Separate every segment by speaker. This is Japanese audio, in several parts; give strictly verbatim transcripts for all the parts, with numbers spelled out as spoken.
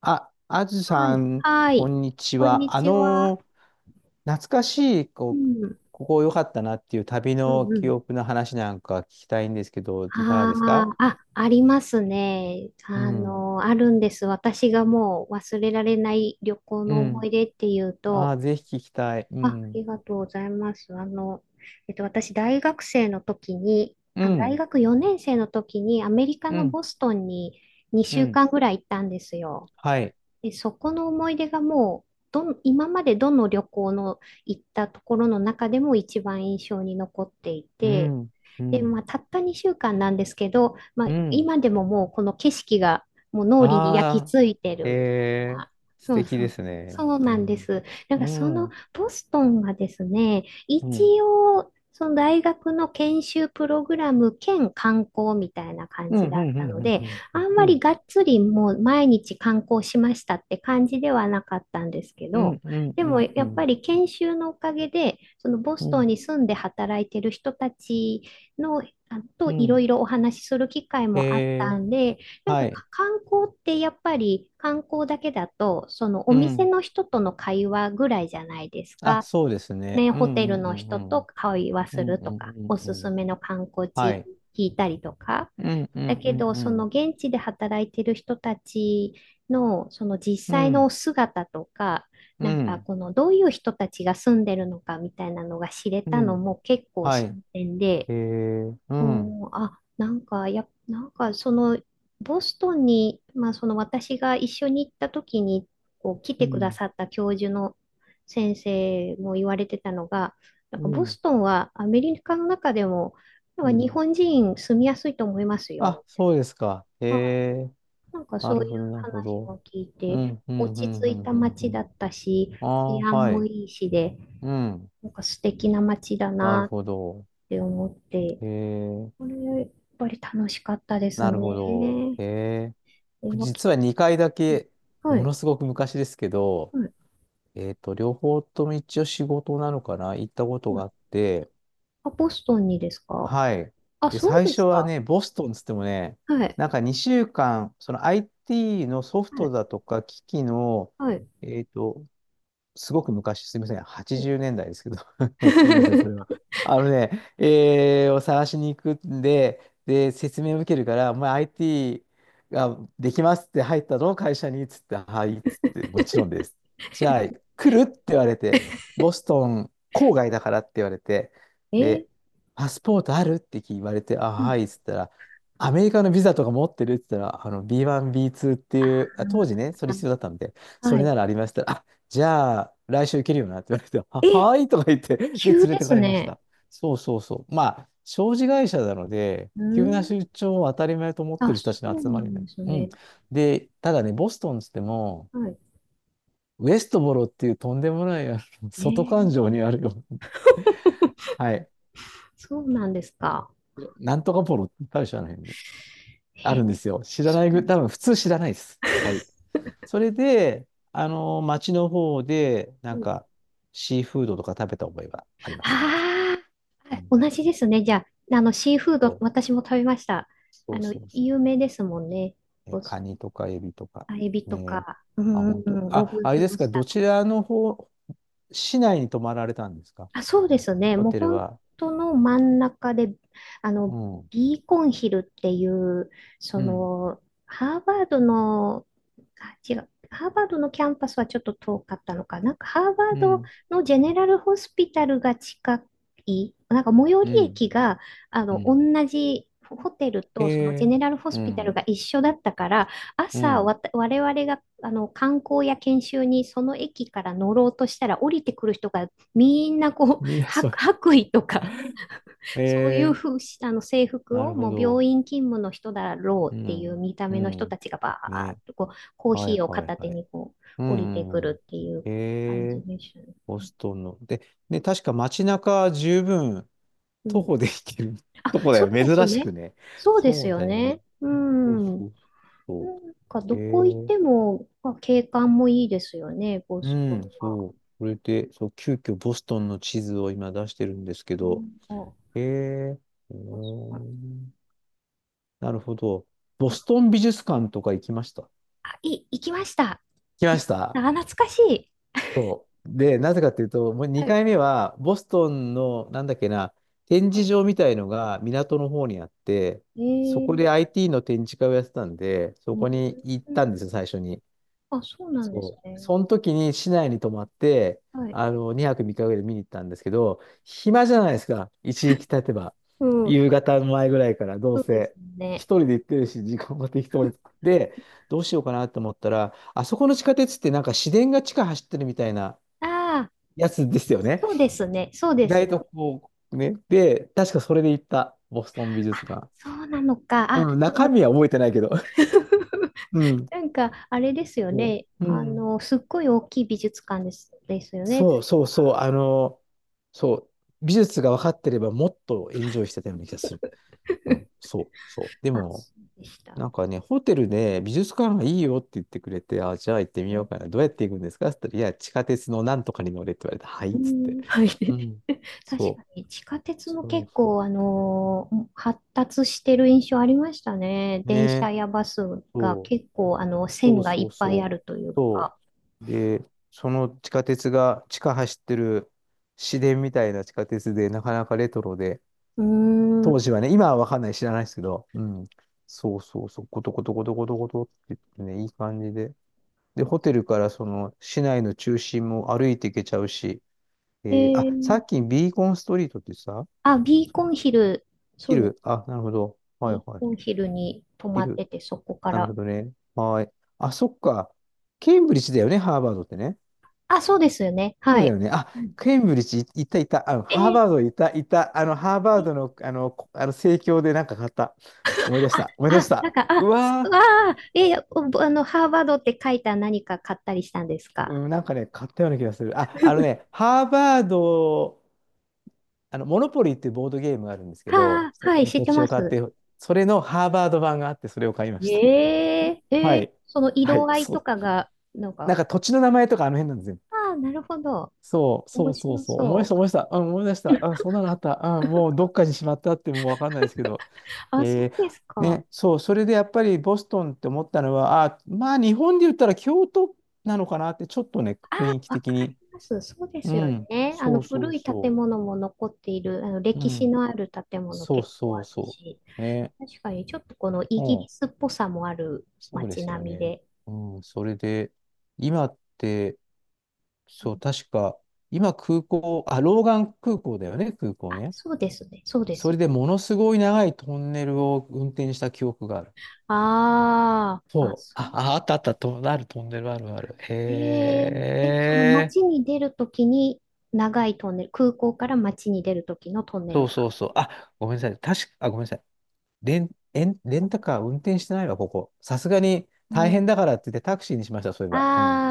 Speaker 1: あ、阿武
Speaker 2: は
Speaker 1: さ
Speaker 2: い。
Speaker 1: ん、
Speaker 2: は
Speaker 1: こ
Speaker 2: い。
Speaker 1: んにち
Speaker 2: こんに
Speaker 1: は。あ
Speaker 2: ちは。
Speaker 1: の懐かしい
Speaker 2: う
Speaker 1: こう
Speaker 2: ん。
Speaker 1: ここ良かったなっていう旅
Speaker 2: う
Speaker 1: の
Speaker 2: んう
Speaker 1: 記
Speaker 2: ん。
Speaker 1: 憶の話なんか聞きたいんですけど、いかがですか？
Speaker 2: ああ、あ、ありますね。
Speaker 1: う
Speaker 2: あ
Speaker 1: ん
Speaker 2: の、あるんです。私がもう忘れられない旅行
Speaker 1: う
Speaker 2: の思
Speaker 1: ん。
Speaker 2: い出っていう
Speaker 1: あ、
Speaker 2: と、
Speaker 1: ぜひ聞きたい。う
Speaker 2: あ、あ
Speaker 1: ん
Speaker 2: りがとうございます。あの、えっと、私、大学生の時に、
Speaker 1: う
Speaker 2: あ、大
Speaker 1: ん
Speaker 2: 学よねん生の時にアメリカ
Speaker 1: う
Speaker 2: の
Speaker 1: ん
Speaker 2: ボストンに
Speaker 1: う
Speaker 2: 2週
Speaker 1: ん。
Speaker 2: 間ぐらい行ったんですよ。
Speaker 1: はい。
Speaker 2: で、そこの思い出がもう、どん、今までどの旅行の行ったところの中でも一番印象に残ってい
Speaker 1: う
Speaker 2: て、
Speaker 1: んう
Speaker 2: で、ま
Speaker 1: ん
Speaker 2: あ、たったにしゅうかんなんですけど、まあ、
Speaker 1: うん。
Speaker 2: 今でももうこの景色がもう脳裏に焼き
Speaker 1: あ、
Speaker 2: 付いてる
Speaker 1: へ
Speaker 2: みたい
Speaker 1: え。
Speaker 2: な。
Speaker 1: 素
Speaker 2: そう
Speaker 1: 敵
Speaker 2: そ
Speaker 1: で
Speaker 2: う。
Speaker 1: すね。
Speaker 2: そう
Speaker 1: う
Speaker 2: なんで
Speaker 1: ん
Speaker 2: す。なん
Speaker 1: う
Speaker 2: かそ
Speaker 1: ん
Speaker 2: の
Speaker 1: うん
Speaker 2: ボストンがですね、
Speaker 1: う
Speaker 2: 一
Speaker 1: ん
Speaker 2: 応その大学の研修プログラム兼観光みたいな感
Speaker 1: う
Speaker 2: じ
Speaker 1: んう
Speaker 2: だっ
Speaker 1: ん
Speaker 2: たので、
Speaker 1: う
Speaker 2: あ
Speaker 1: ん
Speaker 2: んま
Speaker 1: う
Speaker 2: り
Speaker 1: ん
Speaker 2: がっつりもう毎日観光しましたって感じではなかったんですけ
Speaker 1: うん
Speaker 2: ど、でも
Speaker 1: う
Speaker 2: やっぱ
Speaker 1: ん
Speaker 2: り研修のおかげで、そのボ
Speaker 1: う
Speaker 2: ストン
Speaker 1: ん
Speaker 2: に住んで働いてる人たちの、あ
Speaker 1: う
Speaker 2: といろ
Speaker 1: ん。
Speaker 2: いろお話しする機会
Speaker 1: へ
Speaker 2: もあった
Speaker 1: え。
Speaker 2: んで、なん
Speaker 1: は
Speaker 2: か
Speaker 1: い。
Speaker 2: か観光ってやっぱり観光だけだと、そのお
Speaker 1: う
Speaker 2: 店
Speaker 1: ん。
Speaker 2: の人との会話ぐらいじゃないです
Speaker 1: あ、
Speaker 2: か。
Speaker 1: そうですね。
Speaker 2: ね、
Speaker 1: う
Speaker 2: ホ
Speaker 1: ん
Speaker 2: テル
Speaker 1: う
Speaker 2: の
Speaker 1: んう
Speaker 2: 人
Speaker 1: んう
Speaker 2: と
Speaker 1: ん。
Speaker 2: 会話
Speaker 1: う
Speaker 2: す
Speaker 1: ん
Speaker 2: る
Speaker 1: う
Speaker 2: と
Speaker 1: ん
Speaker 2: か、お
Speaker 1: う
Speaker 2: す
Speaker 1: んう
Speaker 2: す
Speaker 1: ん。
Speaker 2: めの観光
Speaker 1: は
Speaker 2: 地
Speaker 1: い。
Speaker 2: 聞いたりとか。
Speaker 1: うんうん
Speaker 2: だけ
Speaker 1: うん
Speaker 2: ど、
Speaker 1: う
Speaker 2: その
Speaker 1: ん。
Speaker 2: 現地で働いてる人たちの、その実
Speaker 1: う
Speaker 2: 際
Speaker 1: ん
Speaker 2: の姿とか、
Speaker 1: う
Speaker 2: なんか
Speaker 1: ん
Speaker 2: このどういう人たちが住んでるのかみたいなのが知れ
Speaker 1: う
Speaker 2: たの
Speaker 1: ん。
Speaker 2: も結構
Speaker 1: は
Speaker 2: 新
Speaker 1: い。
Speaker 2: 鮮で、
Speaker 1: えー、うん。
Speaker 2: おーあ、なんか、や、なんか、その、ボストンに、まあ、その私が一緒に行った時に、こう、来
Speaker 1: う
Speaker 2: てくだ
Speaker 1: ん
Speaker 2: さった教授の先生も言われてたのが、なん
Speaker 1: う
Speaker 2: か、ボ
Speaker 1: ん
Speaker 2: ストンはアメリカの中でも、なん
Speaker 1: う
Speaker 2: か日
Speaker 1: ん。
Speaker 2: 本人住みやすいと思います
Speaker 1: あ、
Speaker 2: よ。
Speaker 1: そうですか。
Speaker 2: は
Speaker 1: えー、
Speaker 2: い、なんか、
Speaker 1: な
Speaker 2: そういう
Speaker 1: るほど、なるほ
Speaker 2: 話
Speaker 1: ど。
Speaker 2: も聞い
Speaker 1: う
Speaker 2: て、
Speaker 1: んう
Speaker 2: 落
Speaker 1: んう
Speaker 2: ち
Speaker 1: ん
Speaker 2: 着
Speaker 1: う
Speaker 2: い
Speaker 1: ん
Speaker 2: た
Speaker 1: うんう
Speaker 2: 街だ
Speaker 1: ん。
Speaker 2: ったし、
Speaker 1: ああ、
Speaker 2: 治安
Speaker 1: は
Speaker 2: も
Speaker 1: い。
Speaker 2: いいしで、
Speaker 1: うん。
Speaker 2: なんか素敵な街だ
Speaker 1: なる
Speaker 2: なっ
Speaker 1: ほど。
Speaker 2: て思って、
Speaker 1: えー、
Speaker 2: これ、やっぱり楽しかったです
Speaker 1: なるほ
Speaker 2: ね。
Speaker 1: ど。えー、
Speaker 2: えー、
Speaker 1: 僕
Speaker 2: わき、
Speaker 1: 実はにかいだけ、
Speaker 2: は
Speaker 1: も
Speaker 2: い、
Speaker 1: のすごく昔ですけど、
Speaker 2: はい、
Speaker 1: えっと、両方とも一応仕事なのかな行ったこと
Speaker 2: う
Speaker 1: があ
Speaker 2: ん。
Speaker 1: って、
Speaker 2: あ、ボストンにですか？
Speaker 1: はい。
Speaker 2: あ、
Speaker 1: で、
Speaker 2: そう
Speaker 1: 最
Speaker 2: で
Speaker 1: 初
Speaker 2: す
Speaker 1: は
Speaker 2: か。
Speaker 1: ね、ボストンつってもね、
Speaker 2: はい、
Speaker 1: なんかにしゅうかん、その アイティー のソフ
Speaker 2: は
Speaker 1: ト
Speaker 2: い、
Speaker 1: だとか機器の、
Speaker 2: はい。
Speaker 1: えっと、すごく昔、すみません、
Speaker 2: うん。
Speaker 1: はちじゅうねんだいですけど、すみません、それ は。あのね、えーを探しに行くんで、で、説明を受けるから、お前 アイティー ができますって入ったの会社に、っつって、はい、っつって、もちろんです。じゃあ、来るって言われて、ボストン郊外だからって言われて、
Speaker 2: えー
Speaker 1: で、パスポートあるって言われて、あ、
Speaker 2: うん。
Speaker 1: はい、っつったら、アメリカのビザとか持ってるって言ったら、あの、ビーワン、ビーツー っていう、あ当時ね、それ
Speaker 2: あ、
Speaker 1: 必要だったんで、そ
Speaker 2: は
Speaker 1: れ
Speaker 2: い。
Speaker 1: ならありました。じゃあ、来週行けるよなって言われて、は、
Speaker 2: え、
Speaker 1: はーいとか言って、で、連
Speaker 2: 急
Speaker 1: れ
Speaker 2: で
Speaker 1: てか
Speaker 2: す
Speaker 1: れまし
Speaker 2: ね。
Speaker 1: た。そうそうそう。まあ、商事会社なので、
Speaker 2: う
Speaker 1: 急な
Speaker 2: ん。
Speaker 1: 出張を当たり前と思って
Speaker 2: あ、
Speaker 1: る人た
Speaker 2: そ
Speaker 1: ちの
Speaker 2: う
Speaker 1: 集ま
Speaker 2: な
Speaker 1: りな
Speaker 2: ん
Speaker 1: ん
Speaker 2: で
Speaker 1: です。
Speaker 2: す
Speaker 1: うん。
Speaker 2: ね。
Speaker 1: で、ただね、ボストンっつっても、
Speaker 2: はい。
Speaker 1: ウエストボロっていうとんでもない、あの
Speaker 2: え
Speaker 1: 外環
Speaker 2: ー、
Speaker 1: 状にあるよ。はい。
Speaker 2: そうなんですか。
Speaker 1: なんとかボロって大社の辺にあ
Speaker 2: え、
Speaker 1: るんですよ。知ら
Speaker 2: そ
Speaker 1: ない
Speaker 2: う。
Speaker 1: ぐ、多分普通知らないです。はい。それで、あの、町の方で、な
Speaker 2: う
Speaker 1: ん
Speaker 2: ん、
Speaker 1: か、シーフードとか食べた覚えがありま
Speaker 2: あ
Speaker 1: す、その時。
Speaker 2: あ、は
Speaker 1: う
Speaker 2: い、
Speaker 1: ん
Speaker 2: 同じですね。じゃあ、あの、シーフー
Speaker 1: そ
Speaker 2: ド、
Speaker 1: う
Speaker 2: 私も食べました。あ
Speaker 1: そう
Speaker 2: の、
Speaker 1: そうそ
Speaker 2: 有
Speaker 1: う。
Speaker 2: 名ですもんね。
Speaker 1: え、
Speaker 2: ボス
Speaker 1: カニとかエビとか。
Speaker 2: あエビと
Speaker 1: ねえ。
Speaker 2: か、う
Speaker 1: あ、
Speaker 2: んうん
Speaker 1: 本
Speaker 2: う
Speaker 1: 当。
Speaker 2: ん、ロ
Speaker 1: あ、
Speaker 2: ブ、
Speaker 1: あれ
Speaker 2: ロ
Speaker 1: で
Speaker 2: ブ
Speaker 1: すか、
Speaker 2: スタ
Speaker 1: ど
Speaker 2: ー。
Speaker 1: ちらの方、市内に泊まられたんですか
Speaker 2: あ、そうですね。
Speaker 1: ホ
Speaker 2: もう
Speaker 1: テル
Speaker 2: 本
Speaker 1: は。
Speaker 2: 当の真ん中で、あの、
Speaker 1: うん。
Speaker 2: ビーコンヒルっていう、そ
Speaker 1: うん。
Speaker 2: の、ハーバードの、あ、違う、ハーバードのキャンパスはちょっと遠かったのかな。なんかハーバ
Speaker 1: う
Speaker 2: ード
Speaker 1: ん。
Speaker 2: のジェネラルホスピタルが近い、なんか最寄り
Speaker 1: うん。
Speaker 2: 駅が、あ
Speaker 1: う
Speaker 2: の、同
Speaker 1: ん。
Speaker 2: じ、ホテル
Speaker 1: へ
Speaker 2: とそのジェ
Speaker 1: え。
Speaker 2: ネラルホ
Speaker 1: う
Speaker 2: スピタル
Speaker 1: ん。
Speaker 2: が一緒だったから、
Speaker 1: う
Speaker 2: 朝
Speaker 1: ん。
Speaker 2: わた、我々があの観光や研修にその駅から乗ろうとしたら降りてくる人がみんなこう、
Speaker 1: みんな
Speaker 2: 白
Speaker 1: そう。
Speaker 2: 白衣とか、
Speaker 1: へ
Speaker 2: そういう
Speaker 1: え。
Speaker 2: ふうしあの制
Speaker 1: な
Speaker 2: 服を、
Speaker 1: るほ
Speaker 2: もう
Speaker 1: ど。
Speaker 2: 病院勤務の人だろ
Speaker 1: う
Speaker 2: うっていう
Speaker 1: ん。
Speaker 2: 見た
Speaker 1: う
Speaker 2: 目の人た
Speaker 1: ん。
Speaker 2: ちがバーっ
Speaker 1: ね。
Speaker 2: とこう、コー
Speaker 1: はい
Speaker 2: ヒーを
Speaker 1: はい
Speaker 2: 片手
Speaker 1: はい。
Speaker 2: にこう、
Speaker 1: う
Speaker 2: 降りて
Speaker 1: んう
Speaker 2: く
Speaker 1: んう
Speaker 2: る
Speaker 1: ん。
Speaker 2: っていう感
Speaker 1: へ
Speaker 2: じ
Speaker 1: え。
Speaker 2: でした
Speaker 1: ボ
Speaker 2: ね。
Speaker 1: ストンの。で、ね、確か街中じゅっぷん
Speaker 2: う
Speaker 1: 徒
Speaker 2: ん。
Speaker 1: 歩で行ける
Speaker 2: あ、
Speaker 1: とこ だ
Speaker 2: そ
Speaker 1: よ。
Speaker 2: うです
Speaker 1: 珍し
Speaker 2: ね。
Speaker 1: くね。
Speaker 2: そうで
Speaker 1: そ
Speaker 2: す
Speaker 1: う
Speaker 2: よ
Speaker 1: だよね。
Speaker 2: ね。う
Speaker 1: そう
Speaker 2: ん。な
Speaker 1: そうそうそ
Speaker 2: んか、
Speaker 1: う。え
Speaker 2: どこ行っ
Speaker 1: ー、
Speaker 2: ても、まあ、景観もいいですよね、ボ
Speaker 1: う
Speaker 2: スト
Speaker 1: ん、
Speaker 2: ンは。
Speaker 1: そう。それで、そう、急遽ボストンの地図を今出してるんですけ
Speaker 2: う
Speaker 1: ど、
Speaker 2: ん、あ、
Speaker 1: えー、うー
Speaker 2: ボストン。
Speaker 1: んなるほど。ボ
Speaker 2: なん
Speaker 1: ス
Speaker 2: か、
Speaker 1: トン美術館とか行きました。
Speaker 2: あ、い、行きました。
Speaker 1: 来ま
Speaker 2: 行っ
Speaker 1: し
Speaker 2: た、
Speaker 1: た
Speaker 2: あ、懐かしい。
Speaker 1: そう。で、なぜかっていうと、もう
Speaker 2: はい、
Speaker 1: にかいめは、ボストンの、なんだっけな、展示場みたいのが港の方にあって、そこ
Speaker 2: え
Speaker 1: で
Speaker 2: え、
Speaker 1: アイティー の展示会をやってたんで、そ
Speaker 2: うん、
Speaker 1: こに行ったんですよ、最初に。
Speaker 2: あ、そうなんです
Speaker 1: そう。
Speaker 2: ね。
Speaker 1: その時に市内に泊まって、
Speaker 2: はい。
Speaker 1: あの、にはくみっかぐらいで見に行ったんですけど、暇じゃないですか、いちにち経てば。
Speaker 2: うん。
Speaker 1: 夕方の前ぐらいから、どう
Speaker 2: そうです
Speaker 1: せ。一
Speaker 2: ね。
Speaker 1: 人で行ってるし、時間も適当に。で、どうしようかなと思ったら、あそこの地下鉄ってなんか市電が地下走ってるみたいな、
Speaker 2: ああ、
Speaker 1: やつですよね。
Speaker 2: そうですね。そうで
Speaker 1: 意外
Speaker 2: す。
Speaker 1: とこう、ね。で、確かそれで行った、ボストン美
Speaker 2: あ、
Speaker 1: 術館。
Speaker 2: そうなのか。あ、
Speaker 1: うん、
Speaker 2: で
Speaker 1: 中
Speaker 2: も、
Speaker 1: 身は覚えてないけど。うん。
Speaker 2: なんか、あれですよ
Speaker 1: そ
Speaker 2: ね。
Speaker 1: う。う
Speaker 2: あ
Speaker 1: ん。
Speaker 2: の、すっごい大きい美術館です、ですよね。
Speaker 1: そ
Speaker 2: 確
Speaker 1: うそう
Speaker 2: か。
Speaker 1: そう。あの、そう。美術が分かってればもっとエンジョイしてたような気がする。うん。そうそう。で
Speaker 2: あ、
Speaker 1: も、
Speaker 2: そうでした。
Speaker 1: なんかね、ホテルで美術館がいいよって言ってくれて、あ、じゃあ行ってみよ
Speaker 2: ね、
Speaker 1: うかな。どうやって行くんですかって言ったら、いや、地下鉄のなんとかに乗れって言われて、はい
Speaker 2: う
Speaker 1: っつって。
Speaker 2: ん、はい。
Speaker 1: う ん。
Speaker 2: 確
Speaker 1: そ
Speaker 2: か
Speaker 1: う。
Speaker 2: に、地下鉄も
Speaker 1: そう
Speaker 2: 結
Speaker 1: そ
Speaker 2: 構、あのー発達してる印象ありましたね。
Speaker 1: う。ね
Speaker 2: 電車
Speaker 1: え。
Speaker 2: やバスが
Speaker 1: そ
Speaker 2: 結構、あの、
Speaker 1: うそ
Speaker 2: 線
Speaker 1: う
Speaker 2: がい
Speaker 1: そう
Speaker 2: っぱ
Speaker 1: そ
Speaker 2: いあ
Speaker 1: う。
Speaker 2: るという
Speaker 1: そ
Speaker 2: か。
Speaker 1: う。で、その地下鉄が、地下走ってる市電みたいな地下鉄で、なかなかレトロで、
Speaker 2: うー
Speaker 1: 当
Speaker 2: ん。
Speaker 1: 時はね、今はわかんない、知らないですけど、うん。そうそうそう、ゴトゴトゴトゴトゴトって言ってね、いい感じで。で、ホテルからその市内の中心も歩いていけちゃうし、えーあ、
Speaker 2: え
Speaker 1: さ
Speaker 2: ー、
Speaker 1: っきビーコンストリートってさ、
Speaker 2: あ、ビーコンヒル、そ
Speaker 1: ヒ
Speaker 2: うです。
Speaker 1: ル、あ、なるほど。はい
Speaker 2: ビー
Speaker 1: はい。
Speaker 2: コンヒルに泊
Speaker 1: ヒ
Speaker 2: まっ
Speaker 1: ル、
Speaker 2: てて、そこか
Speaker 1: なるほ
Speaker 2: ら。
Speaker 1: どね。はい。あ、そっか。ケンブリッジだよね、ハーバードってね。
Speaker 2: あ、そうですよね。
Speaker 1: そう
Speaker 2: は
Speaker 1: だ
Speaker 2: い。
Speaker 1: よね。あ、
Speaker 2: うん、
Speaker 1: ケンブリッジいいたいた。あの、
Speaker 2: え
Speaker 1: ハー
Speaker 2: ー、
Speaker 1: バードいたいた。あの、ハーバードの、あの、こあの、生協でなんか買った。思い出し
Speaker 2: あ、
Speaker 1: た。思い出
Speaker 2: あ、
Speaker 1: し
Speaker 2: なん
Speaker 1: た。
Speaker 2: か、
Speaker 1: う
Speaker 2: あ、す
Speaker 1: わ
Speaker 2: あー、えーおあの、ハーバードって書いた何か買ったりしたんです
Speaker 1: ー、
Speaker 2: か？
Speaker 1: うん、なんかね、買ったような気がする。あ、あのね、ハーバード、あの、モノポリーっていうボードゲームがあるんですけ
Speaker 2: は
Speaker 1: ど、
Speaker 2: あ、
Speaker 1: そ
Speaker 2: は
Speaker 1: こ
Speaker 2: い、
Speaker 1: に
Speaker 2: 知っ
Speaker 1: 土
Speaker 2: て
Speaker 1: 地
Speaker 2: ま
Speaker 1: を買っ
Speaker 2: す。
Speaker 1: て、それのハーバード版があって、それを買いました。
Speaker 2: えー、
Speaker 1: は
Speaker 2: えー、
Speaker 1: い。
Speaker 2: その
Speaker 1: は
Speaker 2: 色
Speaker 1: い、
Speaker 2: 合い
Speaker 1: そ
Speaker 2: と
Speaker 1: う。
Speaker 2: かが、なん
Speaker 1: なん
Speaker 2: か、
Speaker 1: か土地の名前とかあの辺なんですよ。
Speaker 2: ああ、なるほど。
Speaker 1: そう、そ
Speaker 2: 面
Speaker 1: うそう
Speaker 2: 白
Speaker 1: そう。思い出
Speaker 2: そ
Speaker 1: し
Speaker 2: う。
Speaker 1: た、思い出した。あ、思い出した。あ、そんなのあった。あ、もうどっかにしまったってもうわかんないですけど。
Speaker 2: あ、そ
Speaker 1: え
Speaker 2: うで
Speaker 1: ー
Speaker 2: すか。
Speaker 1: ね、そう、それでやっぱりボストンって思ったのは、あ、まあ日本で言ったら京都なのかなって、ちょっとね、雰囲気
Speaker 2: わ
Speaker 1: 的
Speaker 2: かり
Speaker 1: に。
Speaker 2: ます。そうで
Speaker 1: う
Speaker 2: すよ
Speaker 1: ん、
Speaker 2: ね。あの
Speaker 1: そうそう
Speaker 2: 古い建
Speaker 1: そ
Speaker 2: 物も残っている、あの
Speaker 1: う。う
Speaker 2: 歴史
Speaker 1: ん、
Speaker 2: のある建物
Speaker 1: そう
Speaker 2: 結構あ
Speaker 1: そう
Speaker 2: る
Speaker 1: そ
Speaker 2: し、
Speaker 1: う。ね、
Speaker 2: 確かにちょっとこの
Speaker 1: う
Speaker 2: イギリ
Speaker 1: ん
Speaker 2: スっぽさもある
Speaker 1: そうで
Speaker 2: 街
Speaker 1: すよ
Speaker 2: 並み
Speaker 1: ね。
Speaker 2: で。
Speaker 1: うん、それで、今って、
Speaker 2: う
Speaker 1: そう、
Speaker 2: ん、
Speaker 1: 確か、今空港、あ、ローガン空港だよね、空港
Speaker 2: あ、
Speaker 1: ね。
Speaker 2: そうですね。そうで
Speaker 1: そ
Speaker 2: す
Speaker 1: れ
Speaker 2: ね。
Speaker 1: でものすごい長いトンネルを運転した記憶がある。
Speaker 2: ああ、あ、
Speaker 1: そう。
Speaker 2: そう。
Speaker 1: あ、ああったあった、と、あるトンネルあるある。へ
Speaker 2: えーえ、その
Speaker 1: え。
Speaker 2: 街に出るときに長いトンネル、空港から街に出るときのトンネ
Speaker 1: そ
Speaker 2: ル
Speaker 1: う
Speaker 2: が。
Speaker 1: そうそう。あ、ごめんなさい。確か、あ、ごめんなさい。レン、レン、レンタカー運転してないわ、ここ。さすがに
Speaker 2: う
Speaker 1: 大変
Speaker 2: ん、
Speaker 1: だからって言ってタクシーにしました、そういえ
Speaker 2: あ
Speaker 1: ば。うん。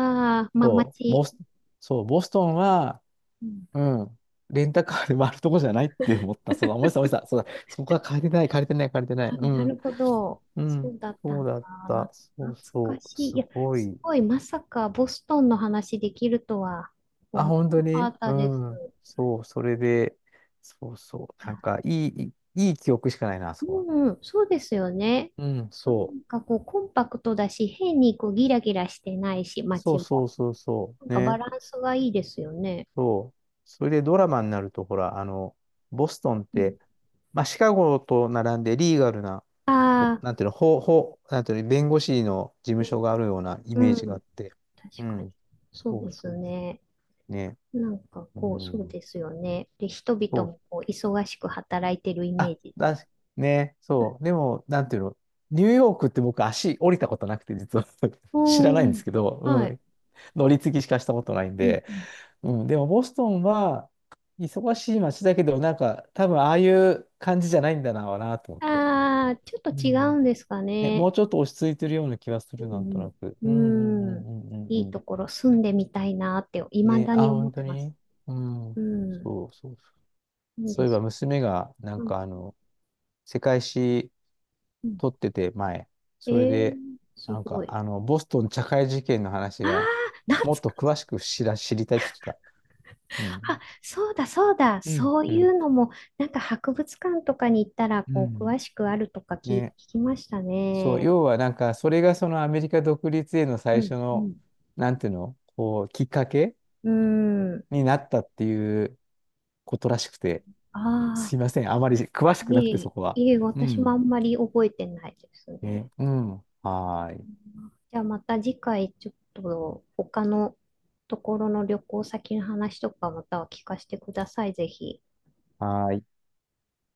Speaker 2: あ、まあ
Speaker 1: そう、ボ
Speaker 2: 街。
Speaker 1: ス、そう、ボストンは、
Speaker 2: うん。
Speaker 1: うん、レンタカーで回るとこじゃないって思った。そうだ、思い出した、思い出した。そうだ、そこは借りてない、借りてない、借りて ない。
Speaker 2: あ、
Speaker 1: う
Speaker 2: な
Speaker 1: ん、
Speaker 2: るほど。
Speaker 1: う
Speaker 2: そう
Speaker 1: ん、
Speaker 2: だった
Speaker 1: そう
Speaker 2: の
Speaker 1: だっ
Speaker 2: かな。
Speaker 1: た。そう
Speaker 2: 懐か
Speaker 1: そ
Speaker 2: し
Speaker 1: う、
Speaker 2: い。
Speaker 1: す
Speaker 2: いや、
Speaker 1: ご
Speaker 2: す
Speaker 1: い。
Speaker 2: ごい、まさかボストンの話できるとは
Speaker 1: あ、
Speaker 2: 思
Speaker 1: 本当
Speaker 2: わな
Speaker 1: に
Speaker 2: かった
Speaker 1: う
Speaker 2: です。
Speaker 1: ん。そう、それで、そうそう。
Speaker 2: いや、
Speaker 1: なんか、いい、いいいい記憶しかないな、あそこは。
Speaker 2: うん、そうですよね。
Speaker 1: うん、
Speaker 2: な
Speaker 1: そう。
Speaker 2: んかこう、コンパクトだし、変にこうギラギラしてないし、
Speaker 1: そ
Speaker 2: 街
Speaker 1: うそ
Speaker 2: も。
Speaker 1: うそうそ
Speaker 2: なん
Speaker 1: う。
Speaker 2: かバ
Speaker 1: ね。
Speaker 2: ランスがいいですよね。
Speaker 1: そう。それでドラマになると、ほら、あの、ボストンっ
Speaker 2: うん。
Speaker 1: て、まあ、シカゴと並んでリーガルな、こ、
Speaker 2: あ
Speaker 1: なんていうの、法、法、なんていうの、弁護士の事務
Speaker 2: あ、
Speaker 1: 所があるようなイ
Speaker 2: う
Speaker 1: メー
Speaker 2: ん、
Speaker 1: ジ
Speaker 2: う
Speaker 1: があっ
Speaker 2: ん、
Speaker 1: て。う
Speaker 2: 確かに。
Speaker 1: ん。
Speaker 2: そう
Speaker 1: そう
Speaker 2: で
Speaker 1: そ
Speaker 2: す
Speaker 1: うそ
Speaker 2: ね。
Speaker 1: う。ね。
Speaker 2: なんか
Speaker 1: う
Speaker 2: こう、そう
Speaker 1: ん。
Speaker 2: ですよね。で、人
Speaker 1: そ
Speaker 2: 々
Speaker 1: う
Speaker 2: もこう忙しく働いてるイメ
Speaker 1: あ、
Speaker 2: ージ。
Speaker 1: だし、ね、そう。でも、なんていうの、ニューヨークって僕足降りたことなくて、実は 知ら
Speaker 2: う
Speaker 1: ないんで
Speaker 2: ん。
Speaker 1: すけど、う
Speaker 2: はい。
Speaker 1: ん、乗り継ぎしかしたことないん
Speaker 2: うん
Speaker 1: で、
Speaker 2: うん。
Speaker 1: うん、でもボストンは忙しい街だけど、なんか多分ああいう感じじゃないんだな、なと思って。
Speaker 2: ああ、ちょっと
Speaker 1: う
Speaker 2: 違う
Speaker 1: ん。
Speaker 2: んですか
Speaker 1: ね、
Speaker 2: ね。
Speaker 1: もうちょっと落ち着いてるような気がす
Speaker 2: う
Speaker 1: る、なんと
Speaker 2: ん
Speaker 1: なく。
Speaker 2: う
Speaker 1: うんうんう
Speaker 2: ん。う
Speaker 1: ん
Speaker 2: ん。
Speaker 1: うんう
Speaker 2: い
Speaker 1: ん
Speaker 2: い
Speaker 1: う
Speaker 2: と
Speaker 1: ん。
Speaker 2: ころ住んでみたいなって、未
Speaker 1: ね、
Speaker 2: だ
Speaker 1: あ、
Speaker 2: に思っ
Speaker 1: 本当
Speaker 2: てます。
Speaker 1: にうん。
Speaker 2: うん。
Speaker 1: そうそうそう。
Speaker 2: いい
Speaker 1: そ
Speaker 2: で
Speaker 1: ういえば
Speaker 2: す。
Speaker 1: 娘が、なん
Speaker 2: うん。
Speaker 1: かあの、世界史
Speaker 2: うん、
Speaker 1: 撮ってて、前。
Speaker 2: え
Speaker 1: それ
Speaker 2: ー、
Speaker 1: で、
Speaker 2: す
Speaker 1: なん
Speaker 2: ご
Speaker 1: か、
Speaker 2: い。
Speaker 1: あの、ボストン茶会事件の話
Speaker 2: あ
Speaker 1: が、
Speaker 2: あ、懐
Speaker 1: もっ
Speaker 2: か、
Speaker 1: と詳しく知ら、知りたいって言ってた。う
Speaker 2: あ、
Speaker 1: ん。
Speaker 2: そうだそうだ。
Speaker 1: うん、
Speaker 2: そう
Speaker 1: う
Speaker 2: い
Speaker 1: ん、
Speaker 2: うのも、なんか博物館とかに行ったら、
Speaker 1: う
Speaker 2: こう、
Speaker 1: ん。
Speaker 2: 詳しくあるとか聞、聞
Speaker 1: ね。
Speaker 2: きました
Speaker 1: そう、
Speaker 2: ね。
Speaker 1: 要はなんか、それがそのアメリカ独立への
Speaker 2: う
Speaker 1: 最初
Speaker 2: んう
Speaker 1: の、
Speaker 2: ん。
Speaker 1: なんていうの、こう、きっかけ
Speaker 2: うん。
Speaker 1: になったっていうことらしくて、
Speaker 2: あ。
Speaker 1: すいません。あまり詳しくな
Speaker 2: い
Speaker 1: くて、
Speaker 2: え、
Speaker 1: そこは。
Speaker 2: いえ、
Speaker 1: う
Speaker 2: 私もあ
Speaker 1: ん。
Speaker 2: んまり覚えてないですね。
Speaker 1: ね、うん。はーい。
Speaker 2: じゃあまた次回ちょっと他のところの旅行先の話とかまたは聞かせてください、ぜひ。
Speaker 1: はーい。